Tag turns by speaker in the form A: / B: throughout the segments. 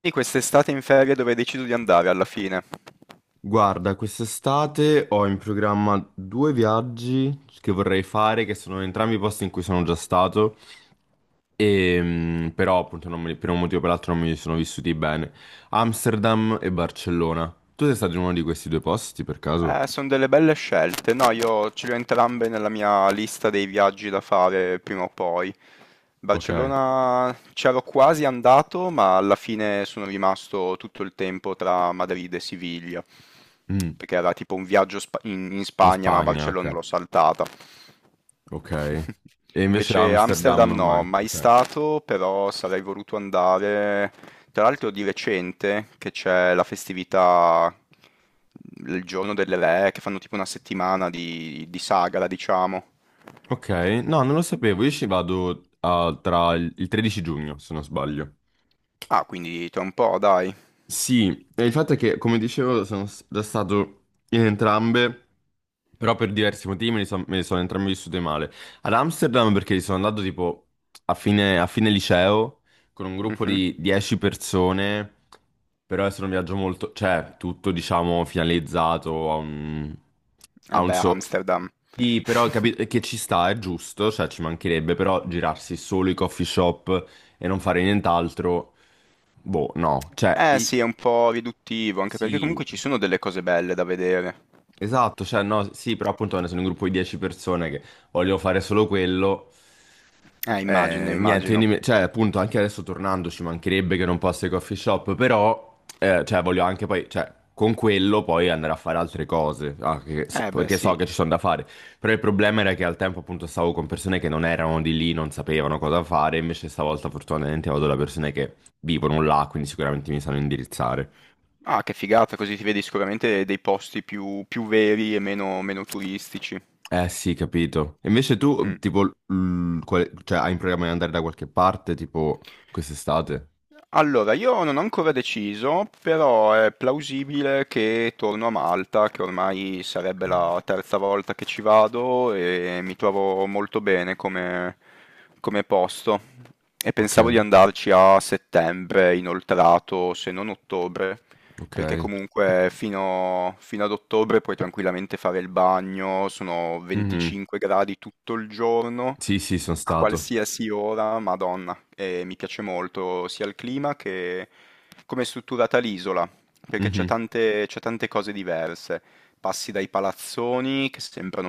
A: Quindi quest'estate in ferie dove decido di andare alla fine?
B: Guarda, quest'estate ho in programma due viaggi che vorrei fare, che sono entrambi posti in cui sono già stato, e, però appunto non me li- per un motivo o per l'altro non mi sono vissuti bene. Amsterdam e Barcellona. Tu sei stato in uno di questi due posti per caso?
A: Sono delle belle scelte. No, io ce le ho entrambe nella mia lista dei viaggi da fare prima o poi.
B: Ok.
A: Barcellona c'ero quasi andato, ma alla fine sono rimasto tutto il tempo tra Madrid e Siviglia,
B: Mm.
A: perché era tipo un viaggio in
B: In
A: Spagna, ma
B: Spagna,
A: Barcellona
B: ok.
A: l'ho saltata.
B: Ok. E invece
A: Invece
B: Amsterdam
A: Amsterdam no,
B: mai.
A: mai
B: Ok.
A: stato, però sarei voluto andare. Tra l'altro di recente che c'è la festività, il giorno delle re, che fanno tipo una settimana di sagra, diciamo.
B: Ok, no, non lo sapevo, io ci vado ah, tra il 13 giugno, se non sbaglio.
A: Ah, quindi tra un po', dai.
B: Sì, e il fatto è che, come dicevo, stato in entrambe, però per diversi motivi me le sono entrambe vissute male. Ad Amsterdam perché sono andato tipo a fine liceo con un gruppo
A: Mhm.
B: di 10 persone, però è stato un viaggio molto, cioè tutto diciamo finalizzato a a
A: Eh
B: un
A: beh,
B: so...
A: Amsterdam.
B: Sì, però capito che ci sta, è giusto, cioè ci mancherebbe, però girarsi solo i coffee shop e non fare nient'altro... Boh, no, cioè,
A: Eh
B: i-
A: sì, è un po' riduttivo, anche perché
B: sì,
A: comunque ci sono delle cose belle da vedere.
B: esatto, cioè no, sì, però appunto quando sono un gruppo di 10 persone che vogliono fare solo quello,
A: Immagino,
B: niente, quindi
A: immagino.
B: mi- cioè appunto anche adesso tornando ci mancherebbe che non posso ai coffee shop, però cioè voglio anche poi, cioè con quello poi andare a fare altre cose, ah, che-
A: Eh beh
B: perché so
A: sì.
B: che ci sono da fare, però il problema era che al tempo appunto stavo con persone che non erano di lì, non sapevano cosa fare, invece stavolta fortunatamente vado da persone che vivono là, quindi sicuramente mi sanno indirizzare.
A: Ah, che figata, così ti vedi sicuramente dei posti più, più veri e meno, meno turistici.
B: Eh sì, capito. E invece
A: Mm.
B: tu, tipo, cioè, hai in programma di andare da qualche parte, tipo, quest'estate?
A: Allora, io non ho ancora deciso, però è plausibile che torno a Malta, che ormai sarebbe la terza volta che ci vado e mi trovo molto bene come, come posto. E
B: Ok,
A: pensavo di
B: ok.
A: andarci a settembre, inoltrato, se non ottobre, perché
B: Ok.
A: comunque fino ad ottobre puoi tranquillamente fare il bagno, sono
B: Mhm.
A: 25 gradi tutto il giorno
B: Sì, sì, sono
A: a
B: stato.
A: qualsiasi ora, Madonna, mi piace molto sia il clima che come è strutturata l'isola, perché c'è
B: Mhm.
A: tante, c'è tante cose diverse. Passi dai palazzoni che sembrano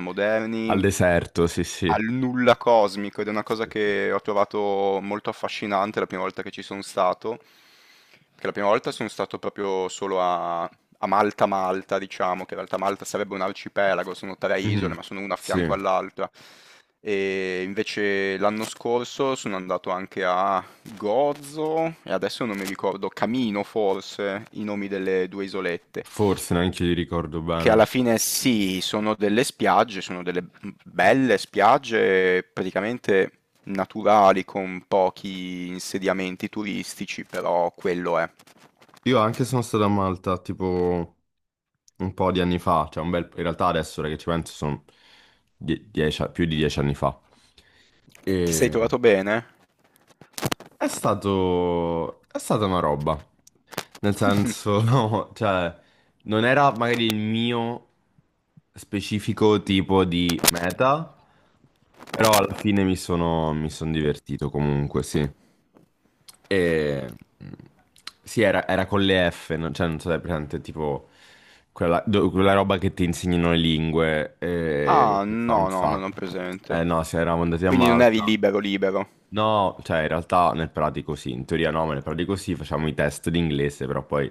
B: Al
A: moderni
B: deserto, sì, sì.
A: al nulla cosmico ed è una cosa che ho trovato molto affascinante la prima volta che ci sono stato, perché la prima volta sono stato proprio solo a Malta Malta, diciamo, che in realtà Malta sarebbe un arcipelago, sono 3 isole,
B: Mhm.
A: ma sono una a
B: Sì,
A: fianco all'altra. E invece l'anno scorso sono andato anche a Gozo e adesso non mi ricordo, Camino forse, i nomi delle 2 isolette.
B: forse neanche io li ricordo
A: Che
B: bene.
A: alla fine sì, sono delle spiagge, sono delle belle spiagge praticamente naturali con pochi insediamenti turistici, però quello è.
B: Io anche sono stato a Malta, tipo, un po' di anni fa, cioè un bel... In realtà adesso, ora che ci penso, sono più di dieci anni fa.
A: E ti sei
B: E...
A: trovato bene?
B: È stato... è stata una roba. Nel
A: Mh-mh.
B: senso, no, cioè, non era magari il mio specifico tipo di meta, però alla fine mi son divertito comunque, sì. E... Sì, era con le F, no? Cioè, non so se è presente, tipo, quella roba che ti insegnano le lingue,
A: Ah,
B: che fa un
A: no, no, non ho
B: sacco. Eh
A: presente.
B: no, sì, eravamo andati a
A: Quindi non eri
B: Malta.
A: libero libero.
B: No, cioè in realtà nel pratico sì, in teoria no, ma nel pratico sì, facciamo i test d'inglese, però poi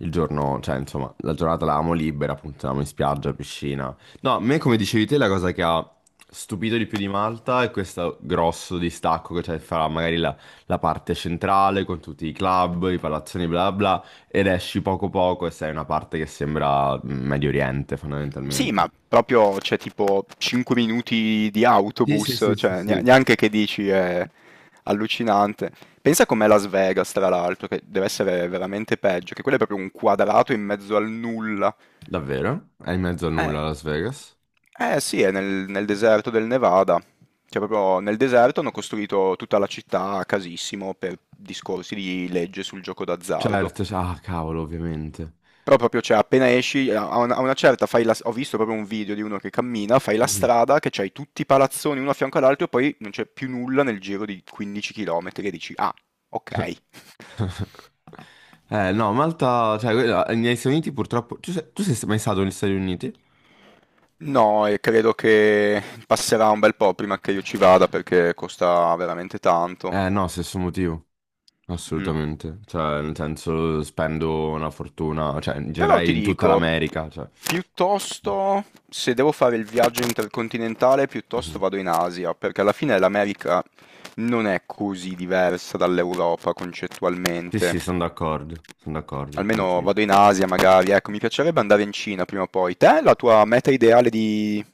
B: il giorno, cioè insomma, la giornata l'avevamo libera, appunto, andavamo in spiaggia, piscina. No, a me come dicevi te la cosa che ha stupito di più di Malta è questo grosso distacco che c'è fra magari la parte centrale con tutti i club, i palazzoni, bla bla, ed esci poco poco e sei in una parte che sembra Medio Oriente
A: Sì,
B: fondamentalmente.
A: ma proprio cioè tipo 5 minuti di
B: Sì, sì,
A: autobus,
B: sì, sì,
A: cioè
B: sì.
A: neanche che dici è allucinante. Pensa com'è Las Vegas tra l'altro, che dev'essere veramente peggio, che quello è proprio un quadrato in mezzo al nulla.
B: Davvero? È in mezzo a
A: Eh,
B: nulla Las Vegas?
A: eh sì, è nel deserto del Nevada. Cioè, proprio nel deserto hanno costruito tutta la città a casissimo per discorsi di legge sul gioco d'azzardo.
B: Certo, cioè- ah cavolo, ovviamente.
A: Però proprio, cioè, appena esci, a una certa fai la... Ho visto proprio un video di uno che cammina, fai la
B: Mhm.
A: strada, che c'hai tutti i palazzoni uno a fianco all'altro e poi non c'è più nulla nel giro di 15 km e dici, ah, ok.
B: Eh no, Malta, cioè, quella- negli Stati Uniti purtroppo... tu sei mai stato negli Stati Uniti?
A: No, e credo che passerà un bel po' prima che io ci vada perché costa veramente tanto.
B: Eh no, stesso motivo,
A: Mh.
B: assolutamente. Cioè, nel senso, spendo una fortuna, cioè, in
A: Però
B: generale
A: ti
B: in tutta
A: dico,
B: l'America, cioè...
A: piuttosto se devo fare il viaggio intercontinentale, piuttosto
B: Mhm.
A: vado in Asia, perché alla fine l'America non è così diversa dall'Europa
B: Sì,
A: concettualmente.
B: sì, sono d'accordo,
A: Almeno
B: anch'io.
A: vado in Asia magari, ecco, mi piacerebbe andare in Cina prima o poi. Te, la tua meta ideale di,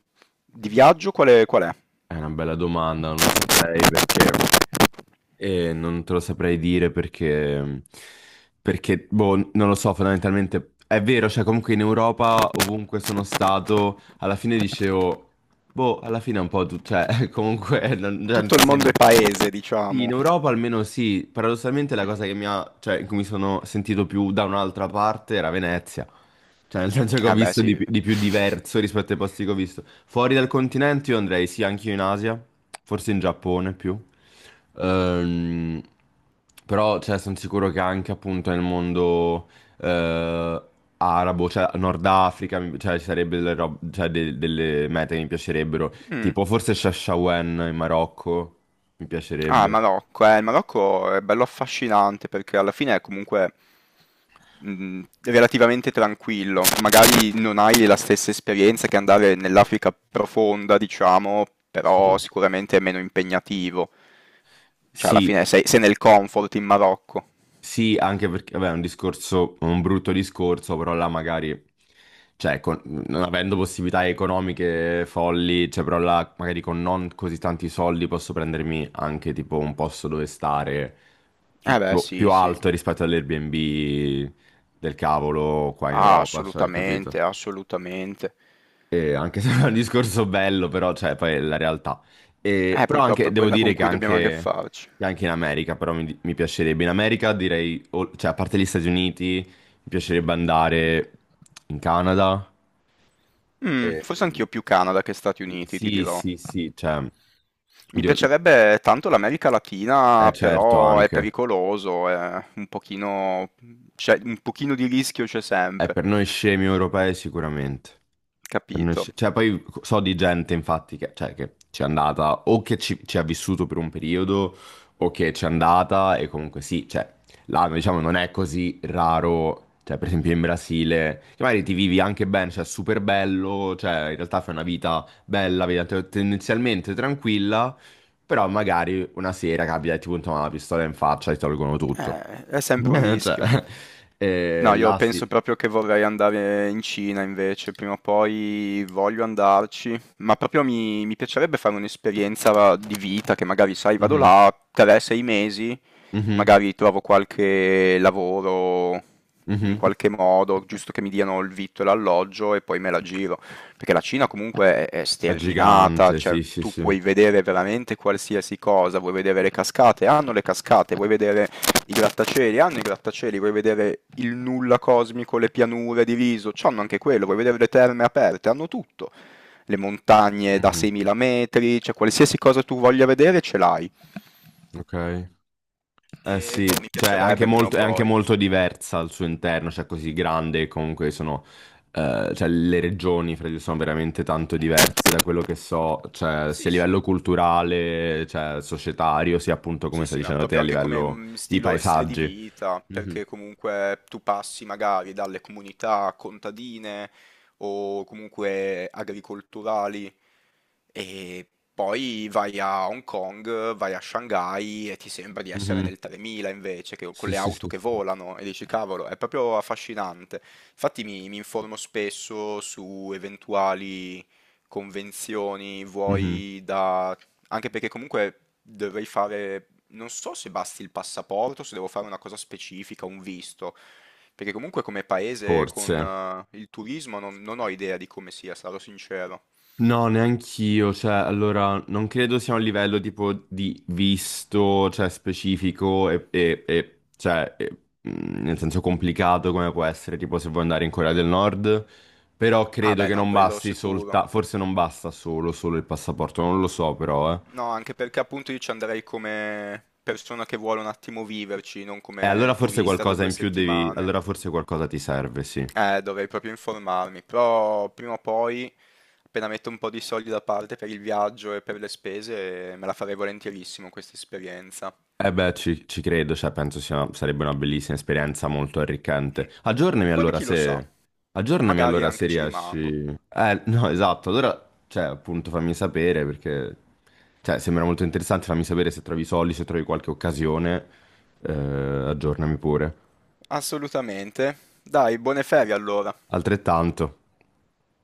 A: di viaggio qual è, qual è?
B: È una bella domanda, non lo saprei perché... E non te lo saprei dire perché, perché, boh, non lo so, fondamentalmente è vero, cioè comunque in Europa, ovunque sono stato, alla fine dicevo, boh, alla fine è un po' tu, cioè comunque non, cioè, non
A: Tutto
B: ti
A: il mondo è
B: sembra.
A: paese,
B: Sì, in
A: diciamo.
B: Europa almeno sì, paradossalmente la cosa che mi ha, cioè, in cui mi sono sentito più da un'altra parte era Venezia, cioè nel senso che ho
A: Eh beh,
B: visto
A: sì.
B: di più diverso rispetto ai posti che ho visto. Fuori dal continente io andrei sì anch'io in Asia, forse in Giappone più, Ehm, però cioè, sono sicuro che anche appunto nel mondo eh, arabo, cioè Nord Africa, cioè, ci sarebbero cioè, delle mete che mi piacerebbero,
A: Mm.
B: tipo forse Chefchaouen in Marocco. Mi
A: Ah,
B: piacerebbe.
A: Il Marocco è bello affascinante perché alla fine è comunque relativamente tranquillo. Magari non hai la stessa esperienza che andare nell'Africa profonda, diciamo, però
B: Sì.
A: sicuramente è meno impegnativo. Cioè, alla
B: Sì,
A: fine sei, sei nel comfort in Marocco.
B: sì, anche perché, vabbè, è un discorso, un brutto discorso, però là magari, cioè, con- non avendo possibilità economiche folli, cioè, però là magari con non così tanti soldi posso prendermi anche tipo un posto dove stare
A: Eh beh,
B: più
A: sì, sì.
B: alto rispetto all'Airbnb del cavolo qua in
A: Ah,
B: Europa, cioè, capito?
A: assolutamente, assolutamente.
B: E anche se è un discorso bello, però, cioè, poi è la realtà. E- però
A: Purtroppo
B: anche,
A: è
B: devo
A: quella con
B: dire
A: cui dobbiamo anche farci.
B: che anche in America, però mi piacerebbe. In America direi, o- cioè, a parte gli Stati Uniti, mi piacerebbe andare in Canada.
A: Mm,
B: E-
A: forse anch'io più Canada che Stati
B: sì,
A: Uniti, ti
B: sì,
A: dirò.
B: sì, sì, cioè,
A: Mi
B: oddio,
A: piacerebbe tanto l'America Latina,
B: certo
A: però è
B: anche.
A: pericoloso, è un pochino, un pochino di rischio c'è sempre,
B: Per noi scemi europei sicuramente. Per noi
A: capito?
B: sce- cioè, poi so di gente, infatti, che, cioè, che ci è andata o che ci ha vissuto per un periodo o che ci è andata e comunque sì, cioè, là, diciamo, non è così raro, cioè, per esempio in Brasile, che magari ti vivi anche bene, cioè, super bello, cioè, in realtà fai una vita bella, tendenzialmente tranquilla, però magari una sera capita e ti puntano una pistola in faccia e ti tolgono tutto.
A: È sempre un
B: Cioè,
A: rischio. No, io
B: là sì.
A: penso proprio che vorrei andare in Cina invece, prima o poi voglio andarci, ma proprio mi piacerebbe fare un'esperienza di vita che magari, sai, vado
B: Mhm,
A: là 3-6 mesi,
B: mhm,
A: magari trovo qualche lavoro in
B: mhm.
A: qualche modo, giusto che mi diano il vitto e l'alloggio e poi me la giro. Perché la Cina comunque è
B: È
A: sterminata,
B: gigante,
A: cioè
B: sì, sì,
A: tu
B: sì.
A: puoi vedere veramente qualsiasi cosa, vuoi vedere le cascate, hanno le cascate, vuoi vedere i grattacieli, hanno i grattacieli, vuoi vedere il nulla cosmico, le pianure diviso, hanno anche quello, vuoi vedere le terme aperte, hanno tutto, le montagne da
B: Mhm.
A: 6.000 metri, cioè qualsiasi cosa tu voglia vedere ce l'hai.
B: Ok. Eh
A: E boh,
B: sì,
A: mi
B: cioè
A: piacerebbe prima o
B: è anche
A: poi.
B: molto diversa al suo interno, cioè così grande, comunque sono, cioè le regioni fra di loro sono veramente tanto diverse da quello che so, cioè sia
A: Sì,
B: a
A: sì.
B: livello culturale, cioè societario, sia appunto come
A: Sì,
B: stai
A: sì, ma
B: dicendo te
A: proprio
B: a
A: anche come,
B: livello
A: mhmm,
B: di
A: stilo stile di
B: paesaggi.
A: vita,
B: Mhm,
A: perché comunque tu passi magari dalle comunità contadine o comunque agricolturali e poi vai a Hong Kong, vai a Shanghai e ti sembra di essere
B: mhm.
A: nel 3000 invece, che con
B: Sì,
A: le
B: sì,
A: auto
B: sì,
A: che
B: sì.
A: volano e dici: "Cavolo, è proprio affascinante". Infatti mi informo spesso su eventuali convenzioni,
B: Mhm.
A: vuoi da anche perché comunque dovrei fare non so se basti il passaporto, se devo fare una cosa specifica, un visto, perché comunque come paese con
B: Forse.
A: il turismo non ho idea di come sia, sarò sincero.
B: No, neanch'io, cioè, allora, non credo sia un livello tipo di visto, cioè, specifico e, cioè, e, nel senso complicato come può essere, tipo, se vuoi andare in Corea del Nord, però
A: Ah
B: credo
A: beh
B: che
A: no,
B: non
A: quello
B: basti
A: sicuro.
B: soltanto, forse non basta solo, solo il passaporto, non lo so però, eh.
A: No, anche perché appunto io ci andrei come persona che vuole un attimo viverci, non
B: E
A: come
B: allora forse
A: turista da
B: qualcosa
A: due
B: in più devi,
A: settimane.
B: allora forse qualcosa ti serve, sì.
A: Dovrei proprio informarmi, però prima o poi, appena metto un po' di soldi da parte per il viaggio e per le spese, me la farei volentierissimo questa esperienza.
B: Eh beh, ci credo, cioè penso sia, sarebbe una bellissima esperienza molto
A: Mm,
B: arricchente.
A: poi chi lo sa,
B: Aggiornami
A: magari
B: allora
A: anche
B: se
A: ci rimango.
B: riesci... no, esatto, allora, cioè, appunto fammi sapere perché... Cioè, sembra molto interessante, fammi sapere se trovi i soldi, se trovi qualche occasione, eh, aggiornami pure.
A: Assolutamente. Dai, buone ferie allora.
B: Altrettanto.